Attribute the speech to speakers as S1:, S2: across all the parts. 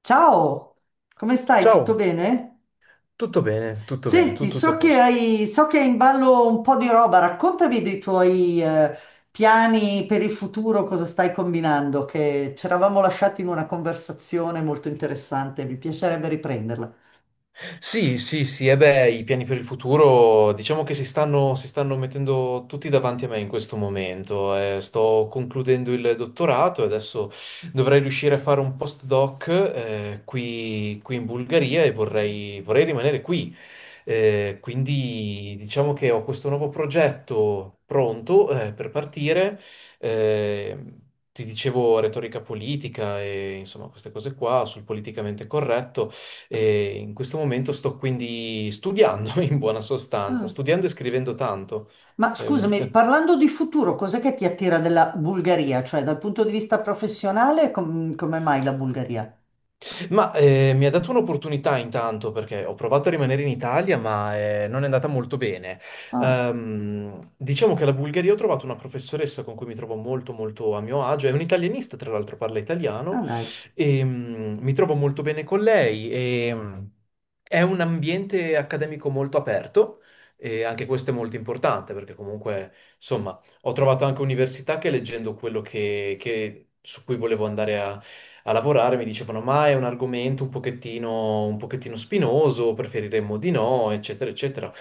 S1: Ciao, come stai? Tutto
S2: Ciao,
S1: bene?
S2: tutto bene, tutto bene,
S1: Senti,
S2: tutto, tutto a
S1: so che
S2: posto.
S1: hai, so che hai in ballo un po' di roba, raccontami dei tuoi piani per il futuro, cosa stai combinando, che ci eravamo lasciati in una conversazione molto interessante, mi piacerebbe riprenderla.
S2: Sì, sì, sì, e beh, i piani per il futuro diciamo che si stanno mettendo tutti davanti a me in questo momento. Sto concludendo il dottorato e adesso dovrei riuscire a fare un postdoc qui in Bulgaria e vorrei rimanere qui. Quindi diciamo che ho questo nuovo progetto pronto per partire. Eh, Ti dicevo retorica politica e insomma queste cose qua sul politicamente corretto. E in questo momento sto quindi studiando, in buona sostanza,
S1: Ah,
S2: studiando e scrivendo tanto.
S1: ma
S2: Ehm,
S1: scusami, parlando di futuro, cos'è che ti attira della Bulgaria? Cioè, dal punto di vista professionale, come mai la Bulgaria?
S2: Mi ha dato un'opportunità intanto perché ho provato a rimanere in Italia, ma non è andata molto bene.
S1: Ah,
S2: Diciamo che alla Bulgaria ho trovato una professoressa con cui mi trovo molto molto a mio agio, è un'italianista, tra l'altro parla
S1: ah
S2: italiano,
S1: dai.
S2: e mi trovo molto bene con lei. È un ambiente accademico molto aperto e anche questo è molto importante perché comunque, insomma, ho trovato anche università che leggendo su cui volevo andare a lavorare mi dicevano ma è un argomento un pochettino spinoso, preferiremmo di no, eccetera, eccetera.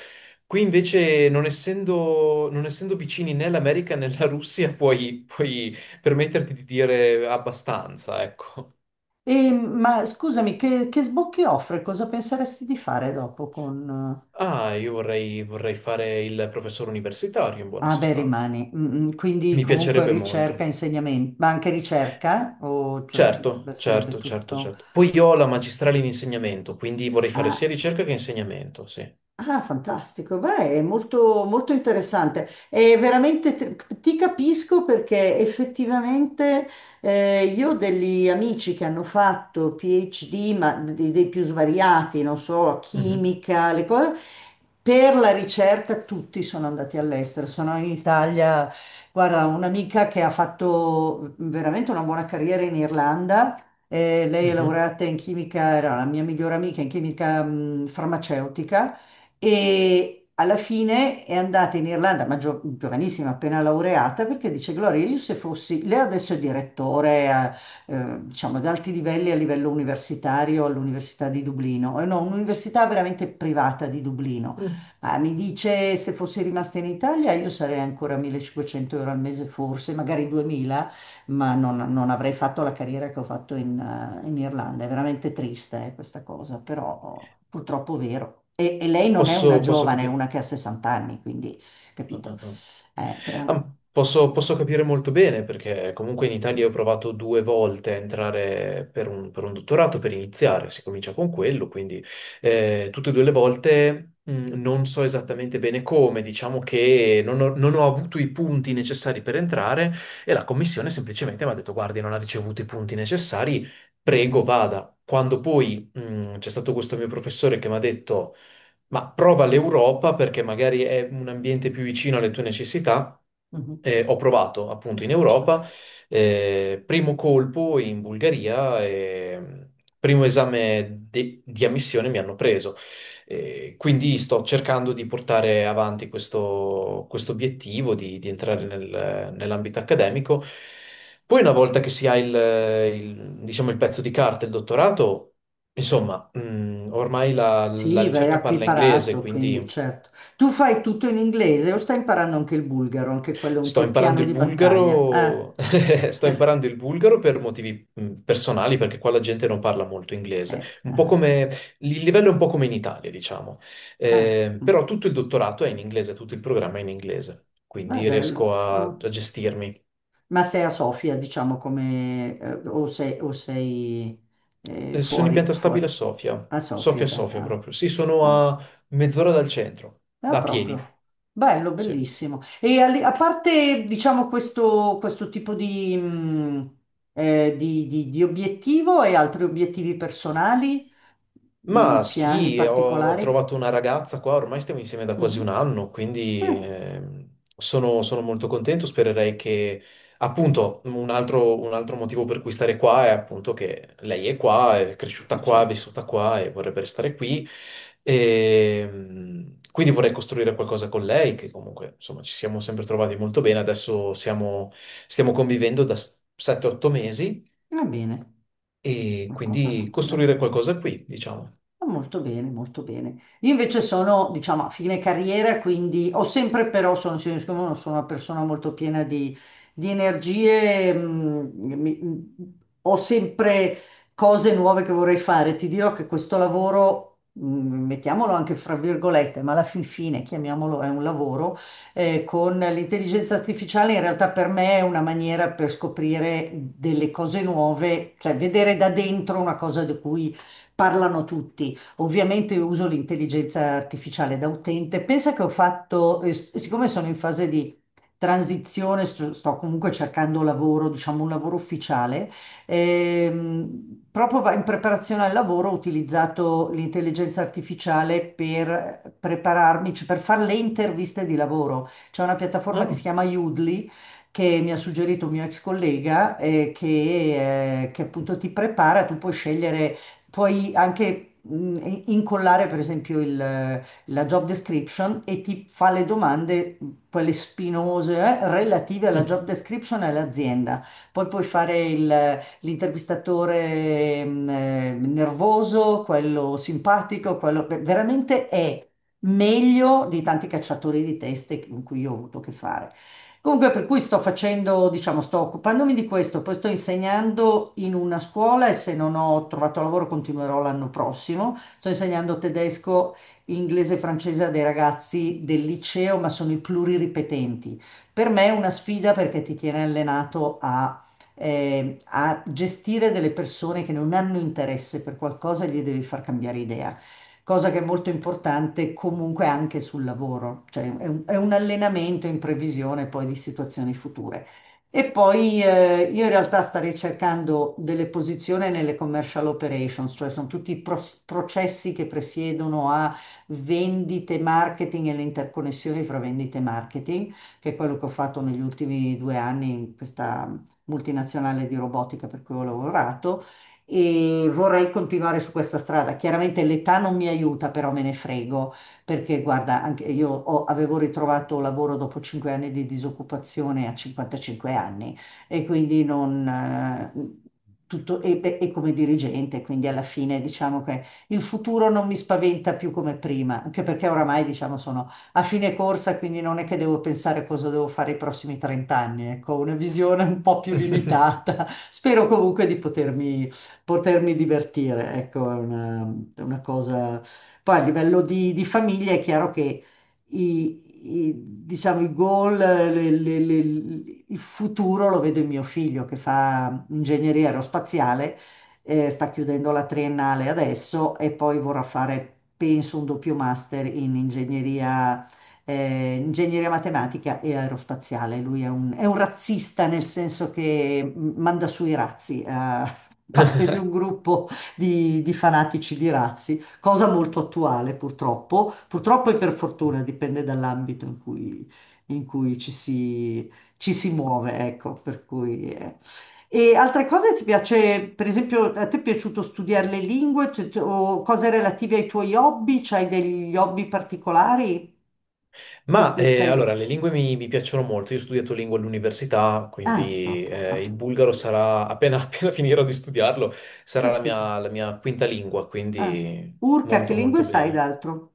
S2: Qui invece, non essendo vicini né l'America né la Russia, puoi permetterti di dire abbastanza, ecco.
S1: E, ma scusami, che sbocchi offre? Cosa penseresti di fare dopo con.
S2: Ah, io vorrei fare il professore universitario in buona
S1: Ah, beh,
S2: sostanza.
S1: rimani. Quindi
S2: Mi
S1: comunque
S2: piacerebbe
S1: ricerca,
S2: molto.
S1: insegnamento, ma anche ricerca? O cioè, beh,
S2: Certo,
S1: sarebbe
S2: certo, certo,
S1: tutto.
S2: certo. Poi io ho la magistrale in insegnamento, quindi vorrei fare sia
S1: Ah,
S2: ricerca che insegnamento, sì.
S1: ah, fantastico, beh, è molto, molto interessante. È veramente, ti capisco perché effettivamente io ho degli amici che hanno fatto PhD, ma dei più svariati, non so,
S2: Mhm,
S1: chimica, le cose. Per la ricerca tutti sono andati all'estero, sono in Italia. Guarda, un'amica che ha fatto veramente una buona carriera in Irlanda. Lei è
S2: mhm.
S1: laureata in chimica, era la mia migliore amica in chimica, farmaceutica e alla fine è andata in Irlanda, ma giovanissima, appena laureata, perché dice: Gloria, io se fossi, lei adesso è direttore, diciamo, ad alti livelli a livello universitario all'Università di Dublino. No, un'università veramente privata di Dublino.
S2: Mm.
S1: Ma mi dice se fossi rimasta in Italia io sarei ancora a 1.500 euro al mese forse, magari 2000, ma non avrei fatto la carriera che ho fatto in Irlanda. È veramente triste, questa cosa, però purtroppo è vero. E lei non è una
S2: Posso
S1: giovane, è
S2: capire.
S1: una che ha 60 anni, quindi
S2: Ah,
S1: capito.
S2: ah, ah.
S1: Eh, eh,
S2: Ah, posso capire molto bene perché comunque in Italia ho provato due volte a entrare per un dottorato per iniziare, si comincia con quello, quindi tutte e due le volte non so esattamente bene come, diciamo che non ho avuto i punti necessari per entrare e la commissione semplicemente mi ha detto guardi, non ha ricevuto i punti necessari, prego vada. Quando poi c'è stato questo mio professore che mi ha detto ma prova l'Europa perché magari è un ambiente più vicino alle tue necessità.
S1: mhm,
S2: Ho provato appunto in Europa,
S1: certo.
S2: primo colpo in Bulgaria, e primo esame di ammissione mi hanno preso. Quindi sto cercando di portare avanti questo obiettivo di entrare nell'ambito accademico. Poi, una volta che si ha diciamo, il pezzo di carta, il dottorato. Insomma, ormai la
S1: Sì, beh,
S2: ricerca
S1: ha qui
S2: parla inglese,
S1: parato,
S2: quindi
S1: quindi certo. Tu fai tutto in inglese o stai imparando anche il bulgaro? Anche quello è un
S2: sto
S1: tuo
S2: imparando
S1: piano
S2: il
S1: di battaglia.
S2: bulgaro, sto imparando il bulgaro per motivi personali, perché qua la gente non parla molto inglese.
S1: Ah,
S2: Il livello è un po' come in Italia, diciamo.
S1: ah, mm.
S2: Però tutto il dottorato è in inglese, tutto il programma è in inglese,
S1: Beh,
S2: quindi riesco
S1: bello. Ah.
S2: a gestirmi.
S1: Ma sei a Sofia, diciamo, come, o sei,
S2: Sono in
S1: fuori,
S2: pianta
S1: fuori.
S2: stabile a Sofia,
S1: A Sofia, bello.
S2: Sofia
S1: Ah,
S2: proprio. Sì, sono
S1: ah.
S2: a mezz'ora dal centro,
S1: Ah,
S2: da
S1: proprio.
S2: piedi,
S1: Bello,
S2: sì.
S1: bellissimo. E a parte, diciamo, questo tipo di obiettivo e altri obiettivi personali,
S2: Ma
S1: piani
S2: sì, ho
S1: particolari?
S2: trovato una ragazza qua, ormai stiamo insieme da quasi un
S1: Mhm.
S2: anno, quindi sono molto contento. Spererei che, appunto, un altro motivo per cui stare qua è appunto che lei è qua, è cresciuta qua, è
S1: Certo.
S2: vissuta qua e vorrebbe restare qui. Quindi vorrei costruire qualcosa con lei, che comunque, insomma, ci siamo sempre trovati molto bene. Stiamo convivendo da 7-8 mesi
S1: Va bene,
S2: e
S1: una cosa
S2: quindi
S1: rapida.
S2: costruire qualcosa qui, diciamo.
S1: Ah, molto bene, molto bene. Io invece sono, diciamo, a fine carriera, quindi ho sempre però, sono, sono siccome sono una persona molto piena di energie, mi- mm, ho sempre cose nuove che vorrei fare. Ti dirò che questo lavoro, mettiamolo anche fra virgolette, ma alla fin fine, chiamiamolo, è un lavoro, con l'intelligenza artificiale in realtà per me è una maniera per scoprire delle cose nuove, cioè vedere da dentro una cosa di cui parlano tutti. Ovviamente uso l'intelligenza artificiale da utente. Pensa che ho fatto, siccome sono in fase di transizione, sto comunque cercando lavoro, diciamo un lavoro ufficiale, proprio in preparazione al lavoro ho utilizzato l'intelligenza artificiale per prepararmi, cioè per fare le interviste di lavoro. C'è una piattaforma che si
S2: Ah.
S1: chiama Udly che mi ha suggerito un mio ex collega che appunto ti prepara, tu puoi scegliere. Puoi anche incollare, per esempio, la job description e ti fa le domande, quelle spinose, relative alla
S2: Hm.
S1: job description e all'azienda. Poi puoi fare l'intervistatore nervoso, quello simpatico, quello beh, veramente è meglio di tanti cacciatori di teste con cui io ho avuto a che fare. Comunque, per cui sto facendo, diciamo, sto occupandomi di questo, poi sto insegnando in una scuola e se non ho trovato lavoro continuerò l'anno prossimo. Sto insegnando tedesco, inglese e francese a dei ragazzi del liceo, ma sono i pluriripetenti. Per me è una sfida perché ti tiene allenato a gestire delle persone che non hanno interesse per qualcosa e gli devi far cambiare idea, cosa che è molto importante comunque anche sul lavoro, cioè è un allenamento in previsione poi di situazioni future. E poi io in realtà starei cercando delle posizioni nelle commercial operations, cioè sono tutti i processi che presiedono a vendite, marketing e le interconnessioni fra vendite e marketing, che è quello che ho fatto negli ultimi 2 anni in questa multinazionale di robotica per cui ho lavorato e vorrei continuare su questa strada. Chiaramente l'età non mi aiuta, però me ne frego, perché guarda, anche io avevo ritrovato lavoro dopo 5 anni di disoccupazione a 55 anni e quindi non. Tutto, e, beh, e come dirigente, quindi alla fine diciamo che il futuro non mi spaventa più come prima, anche perché oramai diciamo sono a fine corsa, quindi non è che devo pensare cosa devo fare i prossimi 30 anni, ecco, ho una visione un po' più limitata. Spero comunque di potermi divertire, ecco, è una cosa. Poi a livello di famiglia è chiaro che i, i- diciamo, i goal, il futuro lo vedo in mio figlio che fa ingegneria aerospaziale, sta chiudendo la triennale adesso e poi vorrà fare, penso, un doppio master in ingegneria matematica e aerospaziale. Lui è un razzista nel senso che manda su i razzi parte di un gruppo di fanatici di razzi, cosa molto attuale purtroppo, purtroppo e per fortuna, dipende dall'ambito in cui ci si muove, ecco, per cui. E altre cose ti piace, per esempio, a te è piaciuto studiare le lingue. Cioè, o cose relative ai tuoi hobby? C'hai degli hobby particolari per cui stai.
S2: Allora, le lingue mi piacciono molto. Io ho studiato lingue all'università,
S1: Ah,
S2: quindi
S1: proprio.
S2: il
S1: Ah.
S2: bulgaro sarà, appena, appena finirò di studiarlo, sarà
S1: Caspita.
S2: la mia quinta lingua,
S1: Ah.
S2: quindi
S1: Urca, che
S2: molto
S1: lingue
S2: molto
S1: sai
S2: bene.
S1: d'altro?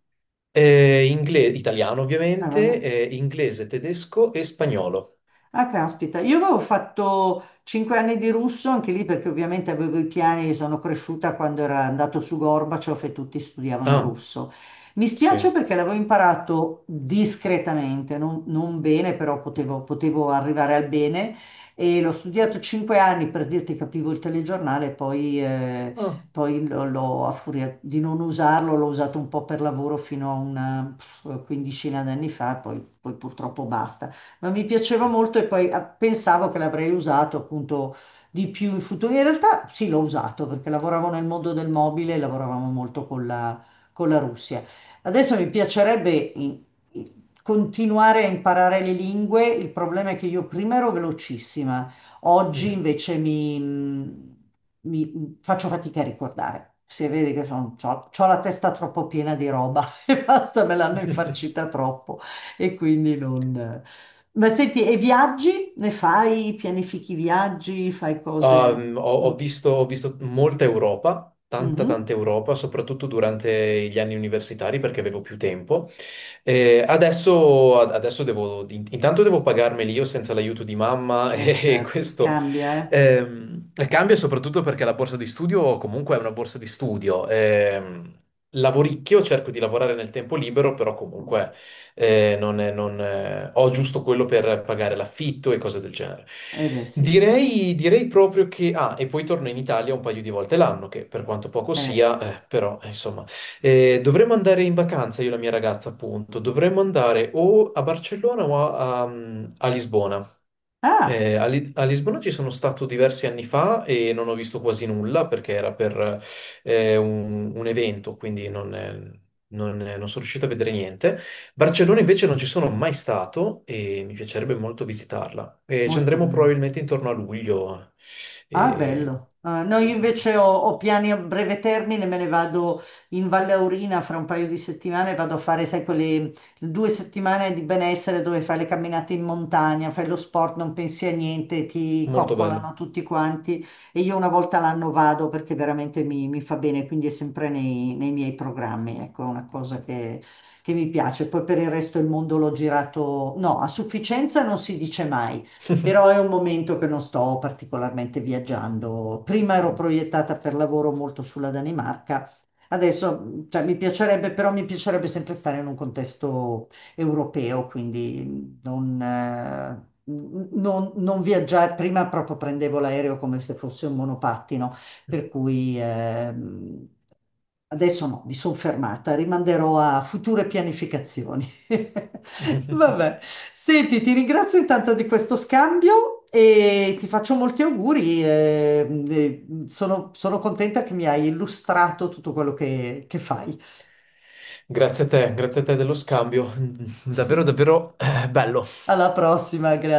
S2: Italiano
S1: Ah, vabbè.
S2: ovviamente, inglese, tedesco e spagnolo.
S1: Ah, caspita, io avevo fatto 5 anni di russo, anche lì perché ovviamente avevo i piani, sono cresciuta quando era andato su Gorbaciov e tutti studiavano
S2: Ah,
S1: russo. Mi
S2: sì.
S1: spiace perché l'avevo imparato discretamente, non bene, però potevo arrivare al bene e l'ho studiato 5 anni per dirti capivo il telegiornale, poi, eh,
S2: Ah,
S1: poi l'ho, l'ho- a furia di non usarlo, l'ho usato un po' per lavoro fino a una pff, quindicina d'anni fa, poi purtroppo basta ma mi piaceva molto e poi pensavo che l'avrei usato appunto di più in futuro. In realtà sì, l'ho usato perché lavoravo nel mondo del mobile e lavoravamo molto con la Russia. Adesso mi piacerebbe in- continuare a imparare le lingue, il problema è che io prima ero velocissima, oggi
S2: mhm.
S1: invece faccio fatica a ricordare. Se vedi che ho la testa troppo piena di roba e basta, me l'hanno infarcita troppo. E quindi non. Ma senti, e viaggi? Ne fai? Pianifichi viaggi? Fai cose. Mm.
S2: Ho visto, ho visto molta Europa, tanta
S1: Mhm.
S2: tanta Europa, soprattutto durante gli anni universitari perché avevo più tempo. Adesso devo, intanto devo pagarmeli io senza l'aiuto di mamma
S1: Eh
S2: e
S1: certo,
S2: questo
S1: cambia, eh?
S2: cambia soprattutto perché la borsa di studio comunque è una borsa di studio. Lavoricchio, cerco di lavorare nel tempo libero, però
S1: Mm.
S2: comunque non è- non, ho giusto quello per pagare l'affitto e cose del genere.
S1: Eh beh sì.
S2: Direi proprio che... Ah, e poi torno in Italia un paio di volte l'anno, che per quanto poco
S1: Eh.
S2: sia, però insomma... Dovremmo andare in vacanza, io e la mia ragazza, appunto. Dovremmo andare o a Barcellona o a Lisbona.
S1: Ah,
S2: A Lisbona ci sono stato diversi anni fa e non ho visto quasi nulla perché era per un evento, quindi non sono riuscito a vedere niente. Barcellona invece non ci sono mai stato e mi piacerebbe molto visitarla. E ci
S1: molto
S2: andremo
S1: bene.
S2: probabilmente intorno a luglio.
S1: Ah,
S2: E-
S1: bello. Ah, no,
S2: mm,
S1: io
S2: mm,
S1: invece ho piani a breve termine, me ne vado in Valle Aurina fra un paio di settimane, vado a fare, sai, quelle 2 settimane di benessere dove fai le camminate in montagna, fai lo sport, non pensi a niente, ti
S2: Molto
S1: coccolano
S2: bello.
S1: tutti quanti e io una volta l'anno vado perché veramente mi fa bene, quindi è sempre nei miei programmi, ecco, è una cosa che mi piace. Poi per il resto il mondo l'ho girato, no, a sufficienza non si dice mai però è un momento che non sto particolarmente viaggiando. Prima ero proiettata per lavoro molto sulla Danimarca, adesso, cioè, mi piacerebbe, però mi piacerebbe sempre stare in un contesto europeo, quindi non viaggiare, prima proprio prendevo l'aereo come se fosse un monopattino, per cui. Adesso no, mi sono fermata, rimanderò a future pianificazioni. Vabbè, senti, ti ringrazio intanto di questo scambio e ti faccio molti auguri. Sono contenta che mi hai illustrato tutto quello che fai.
S2: Grazie a te dello scambio. Davvero, davvero bello.
S1: Alla prossima, grazie.